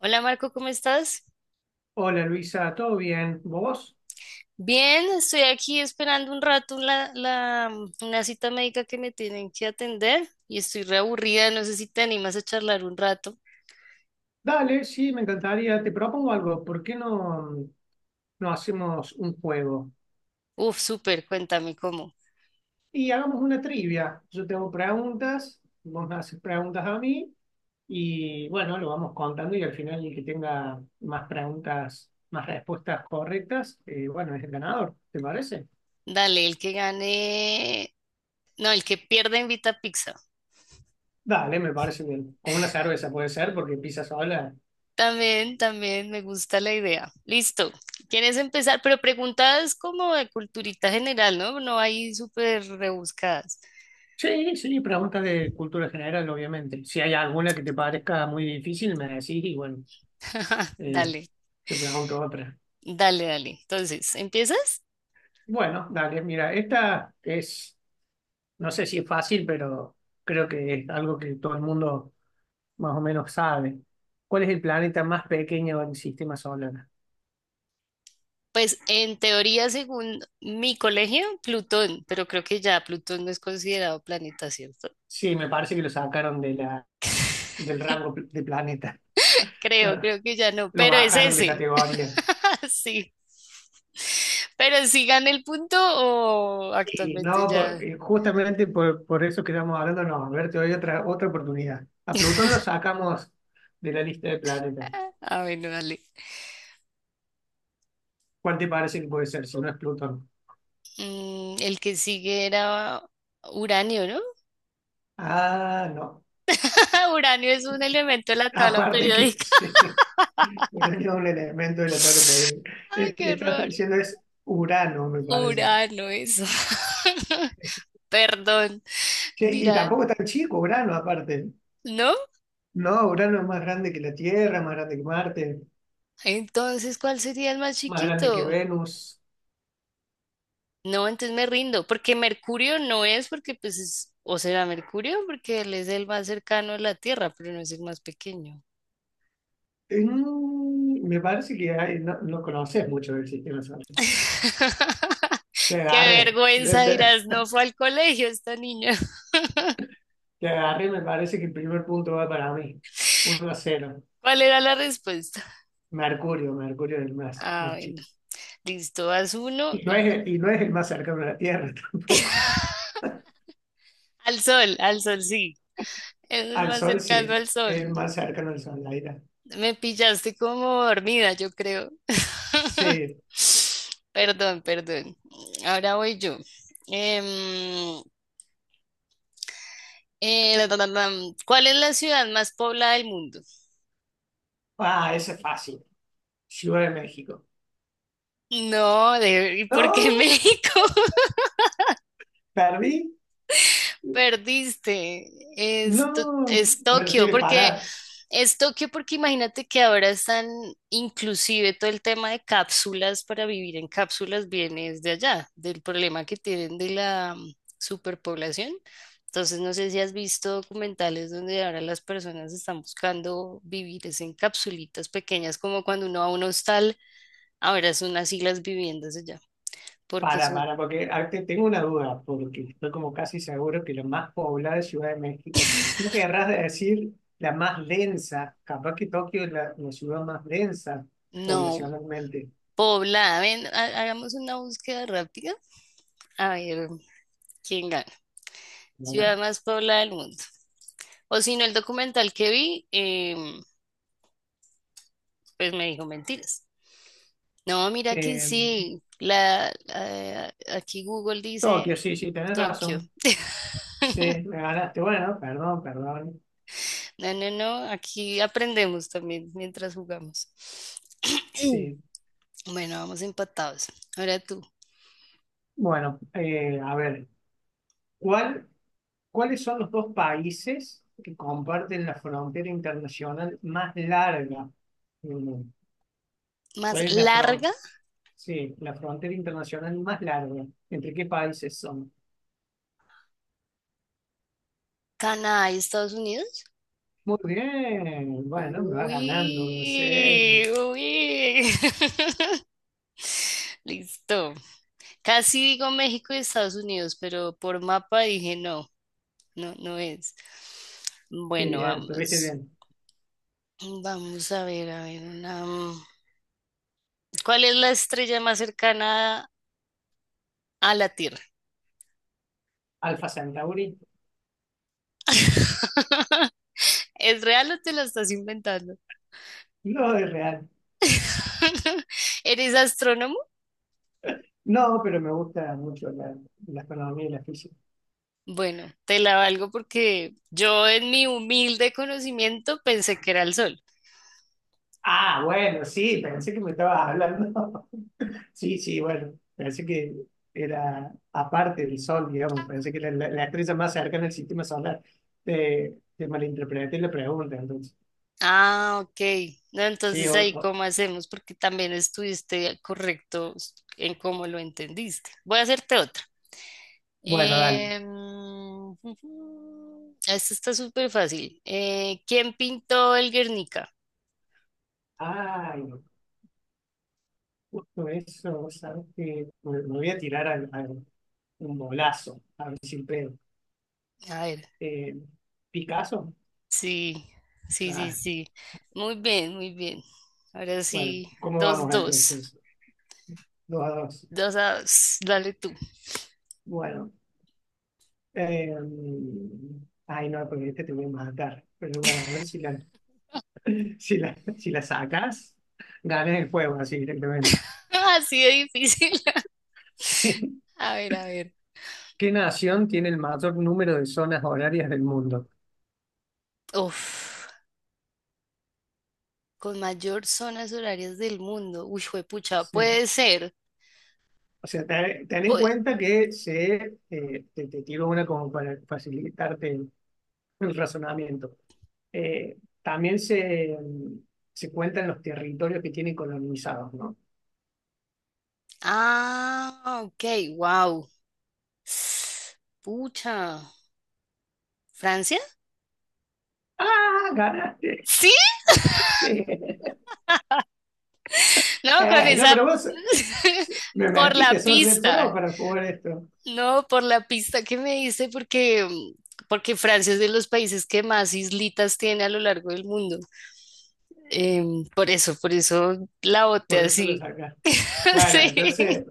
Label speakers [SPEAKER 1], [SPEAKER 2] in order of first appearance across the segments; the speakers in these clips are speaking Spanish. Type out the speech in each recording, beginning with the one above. [SPEAKER 1] Hola Marco, ¿cómo estás?
[SPEAKER 2] Hola Luisa, ¿todo bien? ¿Vos?
[SPEAKER 1] Bien, estoy aquí esperando un rato una cita médica que me tienen que atender y estoy reaburrida, no sé si te animas a charlar un rato.
[SPEAKER 2] Dale, sí, me encantaría. Te propongo algo. ¿Por qué no hacemos un juego?
[SPEAKER 1] Uf, súper, cuéntame cómo.
[SPEAKER 2] Y hagamos una trivia. Yo tengo preguntas, vos me haces preguntas a mí y bueno, lo vamos contando y al final el que tenga más preguntas, más respuestas correctas, bueno, es el ganador, ¿te parece?
[SPEAKER 1] Dale, el que gane, no, el que pierda invita a pizza.
[SPEAKER 2] Dale, me parece bien. Con una cerveza puede ser porque empieza sola.
[SPEAKER 1] También, también me gusta la idea. Listo, ¿quieres empezar? Pero preguntas como de culturita general, ¿no? No hay súper rebuscadas.
[SPEAKER 2] Sí, sí, preguntas de cultura general, obviamente. Si hay alguna que te parezca muy difícil, me decís y bueno. Eh,
[SPEAKER 1] Dale,
[SPEAKER 2] Te pregunto otra.
[SPEAKER 1] dale, dale. Entonces, ¿empiezas?
[SPEAKER 2] Bueno, dale, mira, esta es, no sé si es fácil, pero creo que es algo que todo el mundo más o menos sabe. ¿Cuál es el planeta más pequeño del sistema solar?
[SPEAKER 1] Pues en teoría, según mi colegio, Plutón, pero creo que ya Plutón no es considerado planeta, ¿cierto?
[SPEAKER 2] Sí, me parece que lo sacaron de del rango de planeta. Lo,
[SPEAKER 1] Creo que ya no,
[SPEAKER 2] lo
[SPEAKER 1] pero es
[SPEAKER 2] bajaron de
[SPEAKER 1] ese.
[SPEAKER 2] categoría.
[SPEAKER 1] Sí. Pero si gana el punto o
[SPEAKER 2] Y
[SPEAKER 1] actualmente
[SPEAKER 2] no,
[SPEAKER 1] ya.
[SPEAKER 2] y justamente por eso que estamos hablando, no, a ver, te doy otra oportunidad. A Plutón lo sacamos de la lista de planetas.
[SPEAKER 1] Ah, bueno, dale.
[SPEAKER 2] ¿Cuál te parece que puede ser si no es Plutón?
[SPEAKER 1] Mm, el que sigue era uranio, ¿no?
[SPEAKER 2] Ah, no.
[SPEAKER 1] Uranio es un elemento de la tabla
[SPEAKER 2] Aparte que
[SPEAKER 1] periódica.
[SPEAKER 2] sí. Uranio es un elemento de la tabla periódica.
[SPEAKER 1] ¡Ay,
[SPEAKER 2] El que
[SPEAKER 1] qué
[SPEAKER 2] estás
[SPEAKER 1] horror!
[SPEAKER 2] diciendo es Urano, me parece.
[SPEAKER 1] Urano, eso. Perdón,
[SPEAKER 2] Che, y
[SPEAKER 1] dirán,
[SPEAKER 2] tampoco es tan chico Urano, aparte.
[SPEAKER 1] ¿no?
[SPEAKER 2] No, Urano es más grande que la Tierra, más grande que Marte,
[SPEAKER 1] Entonces, ¿cuál sería el más
[SPEAKER 2] más grande que
[SPEAKER 1] chiquito?
[SPEAKER 2] Venus.
[SPEAKER 1] No, entonces me rindo, porque Mercurio no es, porque pues es, o será Mercurio, porque él es el más cercano a la Tierra, pero no es el más pequeño.
[SPEAKER 2] Me parece que no conoces mucho del sistema solar. Te
[SPEAKER 1] Qué
[SPEAKER 2] agarré.
[SPEAKER 1] vergüenza, dirás, no fue al colegio esta niña.
[SPEAKER 2] Te agarré, me parece que el primer punto va para mí. 1-0.
[SPEAKER 1] ¿Cuál era la respuesta?
[SPEAKER 2] Mercurio, Mercurio es el más,
[SPEAKER 1] Ah,
[SPEAKER 2] más
[SPEAKER 1] bueno,
[SPEAKER 2] chico.
[SPEAKER 1] listo, haz uno
[SPEAKER 2] Y no
[SPEAKER 1] y
[SPEAKER 2] es, y no es el más cercano a la Tierra tampoco.
[SPEAKER 1] al sol, sí, es el
[SPEAKER 2] Al
[SPEAKER 1] más
[SPEAKER 2] Sol
[SPEAKER 1] cercano
[SPEAKER 2] sí,
[SPEAKER 1] al sol.
[SPEAKER 2] es el más cercano al Sol, la ira.
[SPEAKER 1] Me pillaste como dormida, yo creo.
[SPEAKER 2] Sí.
[SPEAKER 1] Perdón, perdón. Ahora voy yo. Em, da, da, da, dam. ¿Cuál es la ciudad más poblada del mundo?
[SPEAKER 2] Ah, ese es fácil. Ciudad de México.
[SPEAKER 1] No, de, ¿y por qué
[SPEAKER 2] No,
[SPEAKER 1] México?
[SPEAKER 2] perdí.
[SPEAKER 1] Perdiste.
[SPEAKER 2] No.
[SPEAKER 1] Es
[SPEAKER 2] Bueno,
[SPEAKER 1] Tokio,
[SPEAKER 2] tiene
[SPEAKER 1] porque imagínate que ahora están inclusive todo el tema de cápsulas para vivir en cápsulas viene de allá, del problema que tienen de la superpoblación. Entonces, no sé si has visto documentales donde ahora las personas están buscando vivir es en capsulitas pequeñas, como cuando uno va a un hostal, ahora son así las viviendas allá, porque eso
[SPEAKER 2] porque tengo una duda, porque estoy como casi seguro que la más poblada es Ciudad de México. No querrás decir la más densa, capaz que Tokio es la ciudad más densa
[SPEAKER 1] no
[SPEAKER 2] poblacionalmente.
[SPEAKER 1] poblada. Ven, hagamos una búsqueda rápida. A ver, ¿quién gana?
[SPEAKER 2] ¿No?
[SPEAKER 1] Ciudad más poblada del mundo. O si no, el documental que vi, pues me dijo mentiras. No, mira que
[SPEAKER 2] Eh,
[SPEAKER 1] sí. Aquí Google dice
[SPEAKER 2] Tokio, sí, sí, tenés
[SPEAKER 1] Tokio.
[SPEAKER 2] razón. Sí, me ganaste. Bueno, perdón, perdón.
[SPEAKER 1] No, no, no. Aquí aprendemos también mientras jugamos.
[SPEAKER 2] Sí.
[SPEAKER 1] Bueno, vamos empatados. Ahora tú.
[SPEAKER 2] Bueno, a ver, ¿cuál, ¿cuáles son los dos países que comparten la frontera internacional más larga? Mm,
[SPEAKER 1] Más
[SPEAKER 2] ¿Cuál es la fron-
[SPEAKER 1] larga,
[SPEAKER 2] Sí, la frontera internacional más larga. ¿Entre qué países son?
[SPEAKER 1] Canadá y Estados Unidos.
[SPEAKER 2] Muy bien. Bueno, me vas
[SPEAKER 1] Uy,
[SPEAKER 2] ganando, no sé.
[SPEAKER 1] uy. Listo. Casi digo México y Estados Unidos, pero por mapa dije no, no, no es.
[SPEAKER 2] Sí,
[SPEAKER 1] Bueno,
[SPEAKER 2] bien, estuviste
[SPEAKER 1] vamos.
[SPEAKER 2] bien.
[SPEAKER 1] Vamos a ver, ¿cuál es la estrella más cercana a la Tierra?
[SPEAKER 2] Alfa Centauri.
[SPEAKER 1] ¿Es real o te la estás inventando?
[SPEAKER 2] No, es real.
[SPEAKER 1] ¿Eres astrónomo?
[SPEAKER 2] No, pero me gusta mucho la astronomía y la física.
[SPEAKER 1] Bueno, te la valgo porque yo en mi humilde conocimiento pensé que era el Sol.
[SPEAKER 2] Ah, bueno, sí, pensé que me estabas hablando. Sí, sí, bueno, pensé que era aparte del Sol, digamos, pensé que era la estrella más cercana al sistema solar. Te malinterpreté la pregunta, entonces.
[SPEAKER 1] Ah, ok. No,
[SPEAKER 2] Sí,
[SPEAKER 1] entonces ahí cómo hacemos, porque también estuviste correcto en cómo lo entendiste. Voy a hacerte otra.
[SPEAKER 2] bueno, dale.
[SPEAKER 1] Em, Esta está súper fácil. ¿Quién pintó el Guernica?
[SPEAKER 2] Ay, justo eso, ¿sabes qué? Me voy a tirar un bolazo, a ver si pego.
[SPEAKER 1] A ver,
[SPEAKER 2] Eh, ¿Picasso?
[SPEAKER 1] sí, sí, sí,
[SPEAKER 2] Ah,
[SPEAKER 1] sí. Muy bien, muy bien. Ahora
[SPEAKER 2] bueno,
[SPEAKER 1] sí,
[SPEAKER 2] ¿cómo
[SPEAKER 1] dos,
[SPEAKER 2] vamos
[SPEAKER 1] dos.
[SPEAKER 2] entonces? 2-2.
[SPEAKER 1] 2-2. Dale tú.
[SPEAKER 2] Bueno, Eh, ay, no, porque este te voy a matar. Pero bueno, a ver si la, si la sacas, ganas el juego así directamente.
[SPEAKER 1] Así de difícil.
[SPEAKER 2] Sí.
[SPEAKER 1] A ver, a ver.
[SPEAKER 2] ¿Qué nación tiene el mayor número de zonas horarias del mundo?
[SPEAKER 1] Uf. Con mayor zonas horarias del mundo. Uy, juepucha,
[SPEAKER 2] Sí.
[SPEAKER 1] puede ser.
[SPEAKER 2] O sea, ten en
[SPEAKER 1] Pue-
[SPEAKER 2] cuenta que te tiro una como para facilitarte el razonamiento. También se cuentan los territorios que tienen colonizados, ¿no?
[SPEAKER 1] ah, ok, wow. Pucha. ¿Francia?
[SPEAKER 2] ¡Ah, ganaste!
[SPEAKER 1] Sí,
[SPEAKER 2] Sí.
[SPEAKER 1] no, con
[SPEAKER 2] No,
[SPEAKER 1] esa.
[SPEAKER 2] pero vos me
[SPEAKER 1] Por
[SPEAKER 2] mentiste,
[SPEAKER 1] la
[SPEAKER 2] son re pro
[SPEAKER 1] pista.
[SPEAKER 2] para jugar esto.
[SPEAKER 1] No, por la pista que me diste, porque Francia es de los países que más islitas tiene a lo largo del mundo. Por eso, por eso la boté
[SPEAKER 2] Por eso lo
[SPEAKER 1] así.
[SPEAKER 2] sacás. Bueno, entonces,
[SPEAKER 1] Sí.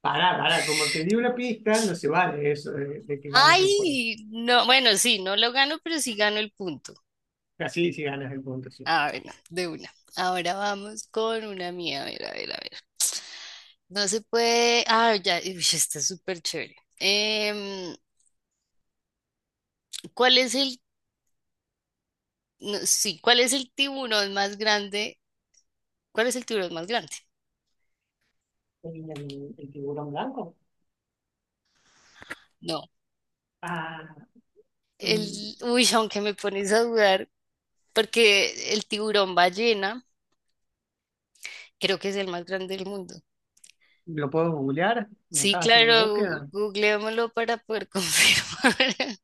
[SPEAKER 2] pará, pará, como te di una pista, no se vale eso de que ganas el juego.
[SPEAKER 1] Ay, no, bueno, sí, no lo gano, pero sí gano el punto.
[SPEAKER 2] Casi si ganas el punto, sí.
[SPEAKER 1] A ver, de una. Ahora vamos con una mía. A ver, a ver, a ver. No se puede. Ah, ya, uy, está súper chévere. Em, ¿cuál es el. No, sí, ¿cuál es el tiburón más grande? ¿Cuál es el tiburón más grande?
[SPEAKER 2] ¿El tiburón blanco?
[SPEAKER 1] No.
[SPEAKER 2] Ah, mm,
[SPEAKER 1] El. Uy, aunque me pones a dudar, porque el tiburón ballena creo que es el más grande del mundo.
[SPEAKER 2] ¿lo puedo googlear? ¿Me
[SPEAKER 1] Sí,
[SPEAKER 2] dejas hacer
[SPEAKER 1] claro,
[SPEAKER 2] una búsqueda?
[SPEAKER 1] googleémoslo para poder confirmar.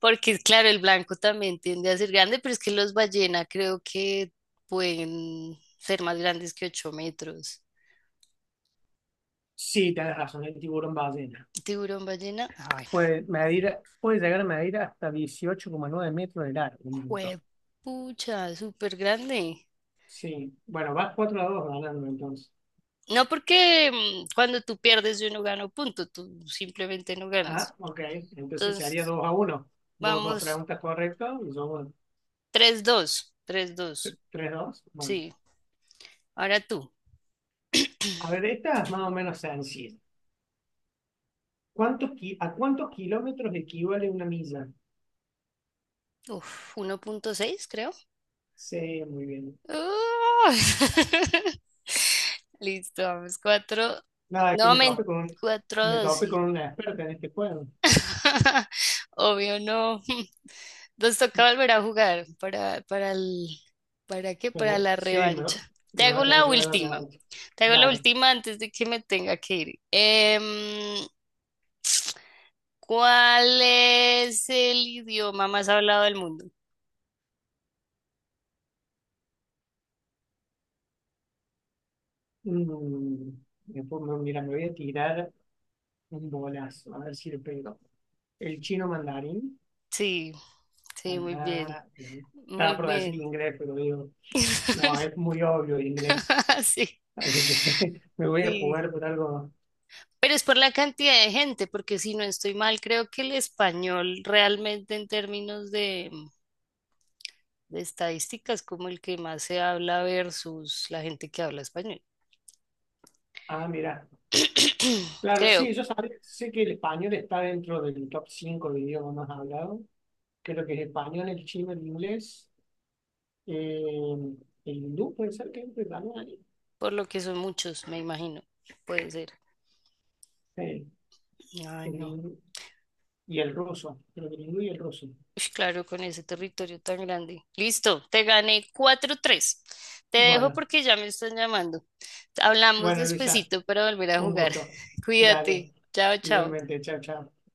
[SPEAKER 1] Porque, claro, el blanco también tiende a ser grande, pero es que los ballena creo que pueden ser más grandes que 8 metros.
[SPEAKER 2] Sí, tenés razón, el tiburón ballena.
[SPEAKER 1] Tiburón ballena, ah
[SPEAKER 2] Puede llegar a medir hasta 18,9 metros de largo, un montón.
[SPEAKER 1] bueno, juepucha, súper grande.
[SPEAKER 2] Sí, bueno, vas 4-2 ganando entonces.
[SPEAKER 1] No porque cuando tú pierdes yo no gano punto, tú simplemente no ganas.
[SPEAKER 2] Ah, ok. Entonces se haría
[SPEAKER 1] Entonces,
[SPEAKER 2] 2-1. Vos dos
[SPEAKER 1] vamos,
[SPEAKER 2] preguntas correctas y yo
[SPEAKER 1] 3-2, 3-2,
[SPEAKER 2] 3-2. Bueno,
[SPEAKER 1] sí. Ahora tú,
[SPEAKER 2] a ver, esta es más o menos sencilla. ¿A cuántos kilómetros equivale una milla?
[SPEAKER 1] uf, 1,6 creo.
[SPEAKER 2] Sí, muy bien.
[SPEAKER 1] Ah. Listo, vamos. Cuatro.
[SPEAKER 2] Nada, que
[SPEAKER 1] No,
[SPEAKER 2] me tope con, un-
[SPEAKER 1] cuatro,
[SPEAKER 2] me
[SPEAKER 1] dos,
[SPEAKER 2] tope con
[SPEAKER 1] sí.
[SPEAKER 2] una experta en este juego.
[SPEAKER 1] Obvio, no. Nos toca volver a jugar para, el, ¿para qué? Para
[SPEAKER 2] Pero,
[SPEAKER 1] la
[SPEAKER 2] sí,
[SPEAKER 1] revancha. Te
[SPEAKER 2] me va
[SPEAKER 1] hago
[SPEAKER 2] a tener
[SPEAKER 1] la
[SPEAKER 2] que dar la
[SPEAKER 1] última.
[SPEAKER 2] revancha.
[SPEAKER 1] Te hago la
[SPEAKER 2] Dale.
[SPEAKER 1] última antes de que me tenga que ir. ¿Cuál es el idioma más hablado del mundo?
[SPEAKER 2] Mm, después mira, me voy a tirar un bolazo, a ver si le pego. El chino mandarín.
[SPEAKER 1] Sí, sí, muy bien.
[SPEAKER 2] Ah, sí.
[SPEAKER 1] Muy
[SPEAKER 2] Estaba por decir
[SPEAKER 1] bien.
[SPEAKER 2] inglés, pero digo, no, es muy obvio el inglés.
[SPEAKER 1] Sí,
[SPEAKER 2] Así que me voy a
[SPEAKER 1] sí.
[SPEAKER 2] jugar por algo.
[SPEAKER 1] Pero es por la cantidad de gente, porque si no estoy mal, creo que el español realmente en términos de estadísticas como el que más se habla versus la gente que habla español.
[SPEAKER 2] Ah, mira. Claro,
[SPEAKER 1] Creo,
[SPEAKER 2] sí, sé que el español está dentro del top 5 de idiomas más hablados. Creo que es español, el chino, el inglés, eh, el hindú, puede ser que entre también ahí.
[SPEAKER 1] por lo que son muchos, me imagino. Puede ser.
[SPEAKER 2] Sí,
[SPEAKER 1] Ay,
[SPEAKER 2] el
[SPEAKER 1] no.
[SPEAKER 2] hindú y el ruso. Creo que el hindú y el ruso.
[SPEAKER 1] Ush, claro, con ese territorio tan grande. Listo, te gané 4-3. Te dejo
[SPEAKER 2] Bueno,
[SPEAKER 1] porque ya me están llamando. Hablamos
[SPEAKER 2] bueno, Luisa,
[SPEAKER 1] despacito para volver a
[SPEAKER 2] un
[SPEAKER 1] jugar.
[SPEAKER 2] gusto. Dale,
[SPEAKER 1] Cuídate. Chao, chao.
[SPEAKER 2] igualmente, chao, chao.